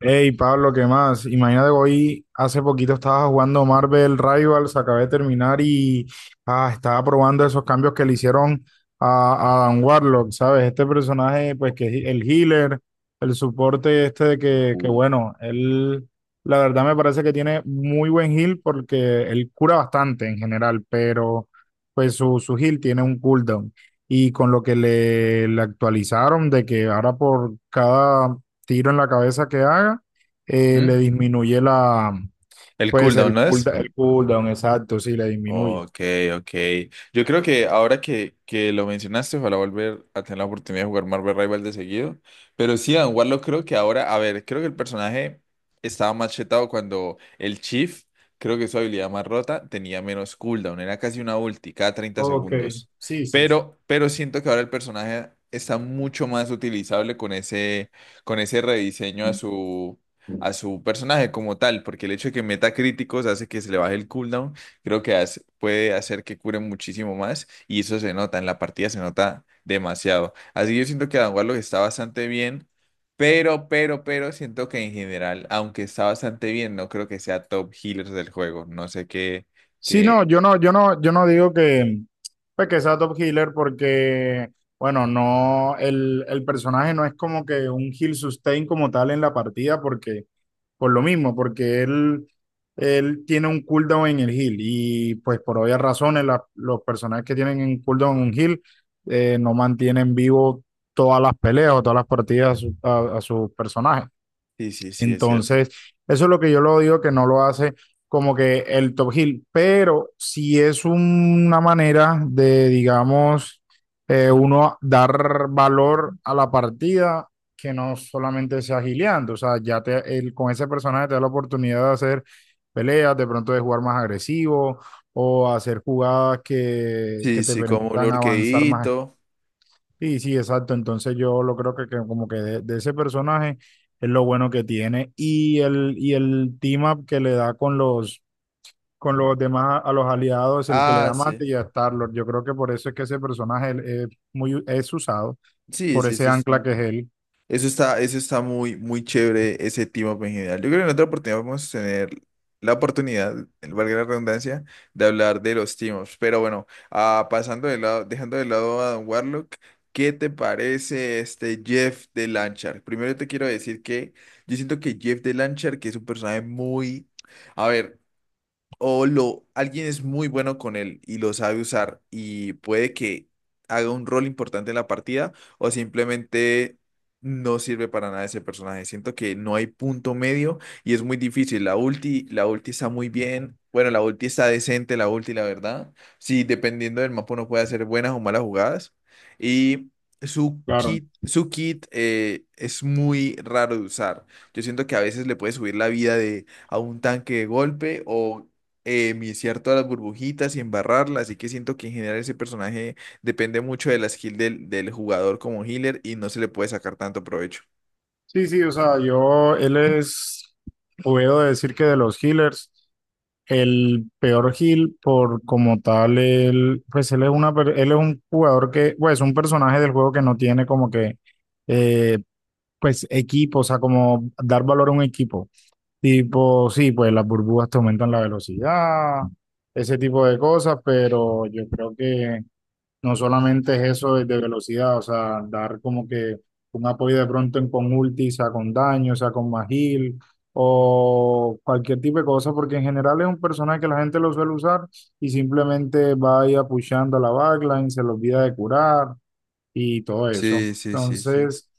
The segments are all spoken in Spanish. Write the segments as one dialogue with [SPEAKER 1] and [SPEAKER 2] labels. [SPEAKER 1] Hey Pablo, ¿qué más? Imagínate que hoy hace poquito estaba jugando Marvel Rivals, acabé de terminar y estaba probando esos cambios que le hicieron a, a Adam Warlock, ¿sabes? Este personaje, pues que es el healer, el soporte este de que
[SPEAKER 2] Ujú.
[SPEAKER 1] bueno, él la verdad me parece que tiene muy buen heal porque él cura bastante en general, pero pues su heal tiene un cooldown. Y con lo que le actualizaron de que ahora por cada tiro en la cabeza que haga, le disminuye la,
[SPEAKER 2] El
[SPEAKER 1] pues
[SPEAKER 2] cooldown, ¿no es?
[SPEAKER 1] el cooldown, exacto, sí, le disminuye.
[SPEAKER 2] Ok, ok. Yo creo que ahora que lo mencionaste, ojalá volver a tener la oportunidad de jugar Marvel Rival de seguido. Pero sí, Dan Warlock creo que ahora, a ver, creo que el personaje estaba más chetado cuando el Chief, creo que su habilidad más rota, tenía menos cooldown. Era casi una ulti cada 30
[SPEAKER 1] Ok.
[SPEAKER 2] segundos.
[SPEAKER 1] Sí, sí, sí.
[SPEAKER 2] Pero siento que ahora el personaje está mucho más utilizable con ese rediseño a su personaje como tal. Porque el hecho de que meta críticos hace que se le baje el cooldown creo que puede hacer que cure muchísimo más y eso se nota, en la partida se nota demasiado. Así que yo siento que Adam Warlock está bastante bien, pero siento que en general, aunque está bastante bien, no creo que sea top healer del juego. No sé qué,
[SPEAKER 1] Sí,
[SPEAKER 2] qué...
[SPEAKER 1] no, yo no digo que, pues, que sea top healer porque, bueno, no, el personaje no es como que un heal sustain como tal en la partida porque, por lo mismo, porque él tiene un cooldown en el heal y pues por obvias razones la- los personajes que tienen un cooldown en un heal no mantienen vivo todas las peleas o todas las partidas a, su- a sus personajes.
[SPEAKER 2] Sí, sí, sí, es cierto.
[SPEAKER 1] Entonces, eso es lo que yo lo digo que no lo hace como que el top heel, pero si es una manera de, digamos, uno dar valor a la partida que no solamente sea gileando, o sea, ya te, el- con ese personaje te da la oportunidad de hacer peleas, de pronto de jugar más agresivo o hacer jugadas
[SPEAKER 2] Sí,
[SPEAKER 1] que te
[SPEAKER 2] sí, como
[SPEAKER 1] permitan avanzar más.
[SPEAKER 2] Lurkeito.
[SPEAKER 1] Sí, sí, exacto. Entonces yo lo creo que como que de ese personaje es lo bueno que tiene y y el team up que le da con los demás, a los aliados, el que le
[SPEAKER 2] Ah,
[SPEAKER 1] da
[SPEAKER 2] sí.
[SPEAKER 1] mate y a Star-Lord. Yo creo que por eso es que ese personaje es muy, es usado,
[SPEAKER 2] Sí,
[SPEAKER 1] por
[SPEAKER 2] sí, sí.
[SPEAKER 1] ese ancla que es él.
[SPEAKER 2] Eso está muy, muy chévere, ese team up en general. Yo creo que en otra oportunidad vamos a tener la oportunidad, valga la redundancia, de hablar de los team ups. Pero bueno, pasando de lado, dejando de lado a Don Warlock, ¿qué te parece este Jeff de Lanchar? Primero te quiero decir que yo siento que Jeff de Lanchar, que es un personaje muy... A ver. O lo, alguien es muy bueno con él y lo sabe usar y puede que haga un rol importante en la partida o simplemente no sirve para nada ese personaje. Siento que no hay punto medio y es muy difícil. La ulti está muy bien. Bueno, la ulti está decente, la ulti, la verdad. Sí, dependiendo del mapa uno puede hacer buenas o malas jugadas. Y su
[SPEAKER 1] Claro.
[SPEAKER 2] kit, su kit es muy raro de usar. Yo siento que a veces le puede subir la vida de a un tanque de golpe o viciar todas las burbujitas y embarrarlas, así que siento que en general ese personaje depende mucho de la skill del, del jugador como healer y no se le puede sacar tanto provecho.
[SPEAKER 1] Sí, sí, o sea, yo, él es, puedo decir que de los healers. El peor Gil, por como tal, él, pues él es una, per- él es un jugador que, pues, un personaje del juego que no tiene como que, eh, pues, equipo, o sea, como dar valor a un equipo.
[SPEAKER 2] Ujú.
[SPEAKER 1] Tipo, sí, pues las burbujas te aumentan la velocidad, ese tipo de cosas, pero yo creo que no solamente es eso de velocidad, o sea, dar como que un apoyo de pronto en con ulti, o sea, con daño, o sea, con magil o cualquier tipo de cosa, porque en general es un personaje que la gente lo suele usar y simplemente va ahí apuchando a la backline, se le olvida de curar y todo eso.
[SPEAKER 2] Sí, sí, sí, sí.
[SPEAKER 1] Entonces,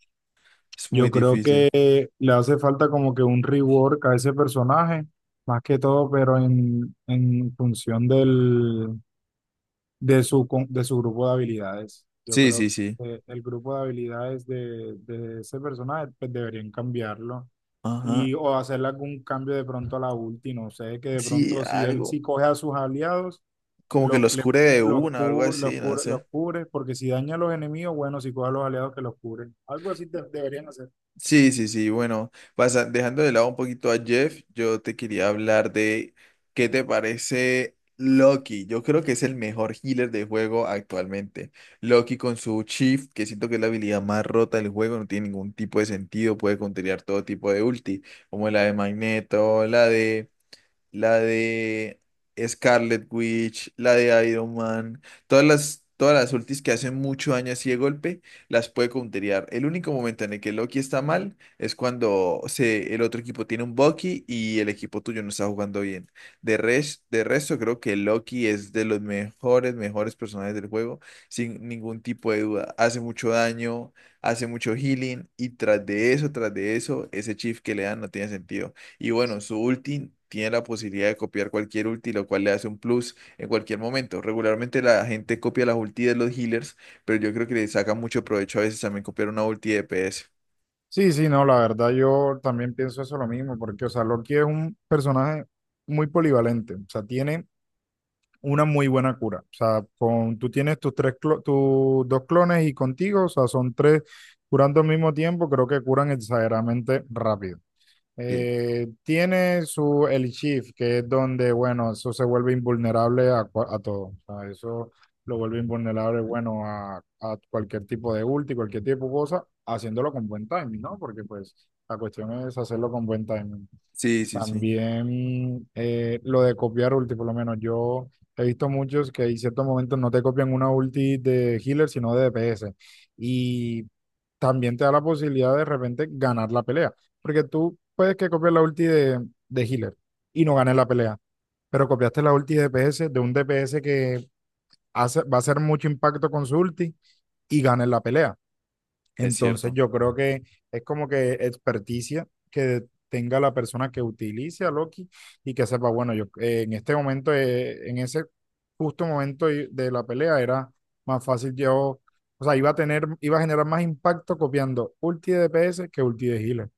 [SPEAKER 2] Es muy
[SPEAKER 1] yo creo
[SPEAKER 2] difícil.
[SPEAKER 1] que le hace falta como que un rework a ese personaje, más que todo, pero en función del de su, con- de su grupo de habilidades. Yo
[SPEAKER 2] Sí, sí,
[SPEAKER 1] creo
[SPEAKER 2] sí.
[SPEAKER 1] que el grupo de habilidades de ese personaje pues deberían cambiarlo
[SPEAKER 2] Ajá.
[SPEAKER 1] y o hacerle algún cambio de pronto a la ulti, no sé, que de
[SPEAKER 2] Sí,
[SPEAKER 1] pronto si él
[SPEAKER 2] algo.
[SPEAKER 1] sí coge a sus aliados,
[SPEAKER 2] Como que
[SPEAKER 1] los,
[SPEAKER 2] los
[SPEAKER 1] cle-
[SPEAKER 2] cure de
[SPEAKER 1] los,
[SPEAKER 2] una o algo
[SPEAKER 1] cu-
[SPEAKER 2] así, no
[SPEAKER 1] los
[SPEAKER 2] sé.
[SPEAKER 1] cubre, porque si daña a los enemigos, bueno, si coge a los aliados que los cubren. Algo así de- deberían hacer.
[SPEAKER 2] Sí, sí, sí. Bueno, dejando de lado un poquito a Jeff, yo te quería hablar de qué te parece Loki. Yo creo que es el mejor healer del juego actualmente. Loki con su Shift, que siento que es la habilidad más rota del juego, no tiene ningún tipo de sentido, puede counterear todo tipo de ulti, como la de Magneto, la de Scarlet Witch, la de Iron Man, todas las ultis que hacen mucho daño así de golpe, las puede counterear. El único momento en el que Loki está mal es cuando se, el otro equipo tiene un Bucky y el equipo tuyo no está jugando bien. De resto, creo que Loki es de los mejores personajes del juego, sin ningún tipo de duda. Hace mucho daño, hace mucho healing y tras de eso, ese chief que le dan no tiene sentido. Y bueno, su ulti tiene la posibilidad de copiar cualquier ulti, lo cual le hace un plus en cualquier momento. Regularmente la gente copia las ulti de los healers, pero yo creo que le saca mucho provecho a veces también copiar una ulti de PS.
[SPEAKER 1] Sí, sí, no, la verdad yo también pienso eso lo mismo, porque, o sea, Loki es un personaje muy polivalente, o sea, tiene una muy buena cura. O sea, con, tú tienes tus, tres clo- tus dos clones y contigo, o sea, son tres curando al mismo tiempo, creo que curan exageradamente rápido.
[SPEAKER 2] Sí,
[SPEAKER 1] Tiene su el shift, que es donde, bueno, eso se vuelve invulnerable a, cua- a todo. O sea, eso lo vuelve invulnerable, bueno, a cualquier tipo de ulti, cualquier tipo de cosa, haciéndolo con buen timing, ¿no? Porque pues la cuestión es hacerlo con buen timing.
[SPEAKER 2] sí, sí, sí,
[SPEAKER 1] También lo de copiar ulti, por lo menos yo he visto muchos que en ciertos momentos no te copian una ulti de healer, sino de DPS. Y también te da la posibilidad de repente ganar la pelea, porque tú puedes que copies la ulti de healer y no ganes la pelea, pero copiaste la ulti de DPS de un DPS que hace, va a hacer mucho impacto con su ulti y ganes la pelea.
[SPEAKER 2] es
[SPEAKER 1] Entonces
[SPEAKER 2] cierto.
[SPEAKER 1] yo creo que es como que experticia que tenga la persona que utilice a Loki y que sepa, bueno, yo en este momento, en ese justo momento y- de la pelea era más fácil yo, o sea, iba a tener, iba a generar más impacto copiando ulti de DPS que ulti de healer.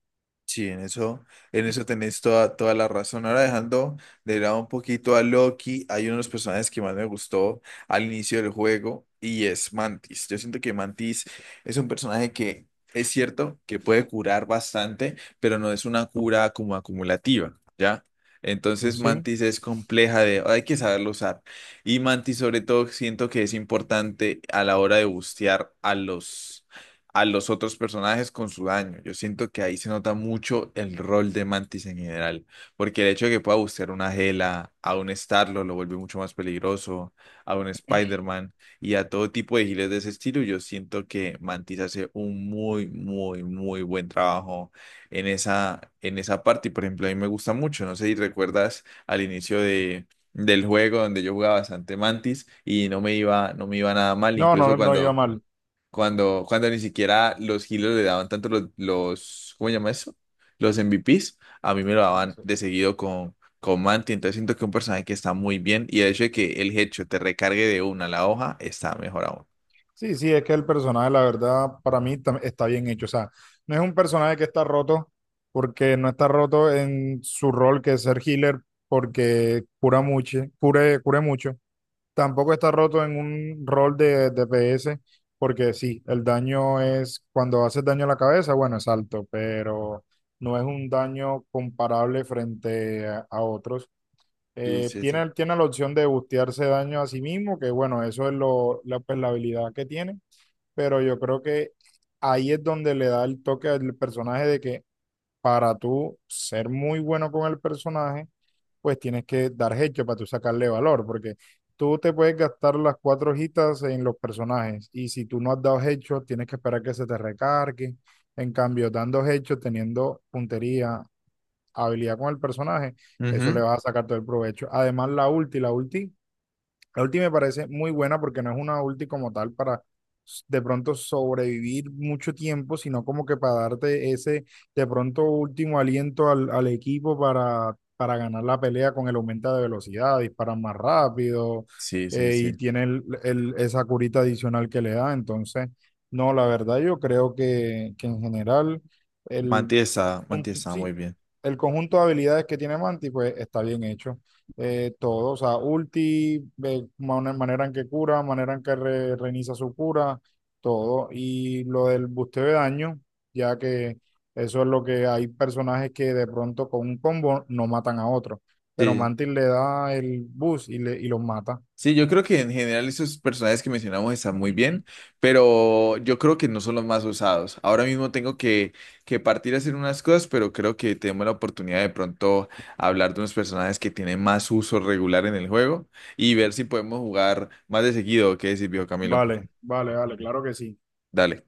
[SPEAKER 2] Sí, en eso tenés toda, toda la razón. Ahora dejando de lado un poquito a Loki, hay uno de los personajes que más me gustó al inicio del juego y es Mantis. Yo siento que Mantis es un personaje que es cierto que puede curar bastante, pero no es una cura como acumulativa, ¿ya?
[SPEAKER 1] ¿No?
[SPEAKER 2] Entonces
[SPEAKER 1] ¿Sí?
[SPEAKER 2] Mantis es compleja de, hay que saberlo usar. Y Mantis sobre todo siento que es importante a la hora de bustear a los otros personajes con su daño. Yo siento que ahí se nota mucho el rol de Mantis en general, porque el hecho de que pueda buscar una Gela, a un Starlo lo vuelve mucho más peligroso, a un Spider-Man y a todo tipo de giles de ese estilo, yo siento que Mantis hace un muy, muy, muy buen trabajo en esa parte. Y por ejemplo, a mí me gusta mucho, no sé si recuerdas al inicio de... del juego donde yo jugaba bastante Mantis y no me iba, no me iba nada mal,
[SPEAKER 1] No,
[SPEAKER 2] incluso
[SPEAKER 1] no, no iba
[SPEAKER 2] cuando
[SPEAKER 1] mal.
[SPEAKER 2] cuando, cuando ni siquiera los hilos le daban tanto los, ¿cómo se llama eso? Los MVPs, a mí me lo daban de seguido con Manti, entonces siento que es un personaje que está muy bien y el hecho de que el hecho te recargue de una la hoja está mejor aún.
[SPEAKER 1] Sí, sí, es que el personaje, la verdad, para mí tam- está bien hecho. O sea, no es un personaje que está roto, porque no está roto en su rol que es ser healer, porque cura mucho, cure, cure mucho. Tampoco está roto en un rol de DPS, porque sí, el daño es cuando haces daño a la cabeza, bueno, es alto, pero no es un daño comparable frente a otros.
[SPEAKER 2] Sí, sí, sí.
[SPEAKER 1] Tiene, tiene la opción de bustearse daño a sí mismo, que bueno, eso es lo, la, pues, la habilidad que tiene, pero yo creo que ahí es donde le da el toque al personaje de que para tú ser muy bueno con el personaje, pues tienes que dar hecho para tú sacarle valor, porque tú te puedes gastar las cuatro hojitas en los personajes y si tú no has dado hecho, tienes que esperar que se te recargue. En cambio, dando hechos, teniendo puntería, habilidad con el personaje, eso le
[SPEAKER 2] Ujú.
[SPEAKER 1] vas a sacar todo el provecho. Además, la ulti la ulti me parece muy buena porque no es una ulti como tal para de pronto sobrevivir mucho tiempo, sino como que para darte ese de pronto último aliento al, al equipo para ganar la pelea con el aumento de velocidad, disparan más rápido,
[SPEAKER 2] Sí, sí,
[SPEAKER 1] y
[SPEAKER 2] sí.
[SPEAKER 1] tiene el- esa curita adicional que le da. Entonces, no, la verdad yo creo que en general el
[SPEAKER 2] Manti está muy
[SPEAKER 1] sí,
[SPEAKER 2] bien.
[SPEAKER 1] el conjunto de habilidades que tiene Manti, pues está bien hecho. Todo, o sea, ulti, man- manera en que cura, manera en que re- reinicia su cura, todo. Y lo del busteo de daño, ya que eso es lo que hay personajes que de pronto con un combo no matan a otro, pero
[SPEAKER 2] Sí,
[SPEAKER 1] Mantis le da el boost y, le, y los mata.
[SPEAKER 2] sí, yo creo que en general esos personajes que mencionamos están muy bien, pero yo creo que no son los más usados. Ahora mismo tengo que partir a hacer unas cosas, pero creo que tenemos la oportunidad de pronto hablar de unos personajes que tienen más uso regular en el juego y ver si podemos jugar más de seguido. ¿Qué decís, viejo Camilo?
[SPEAKER 1] Vale, vale, vale, claro que sí.
[SPEAKER 2] Dale.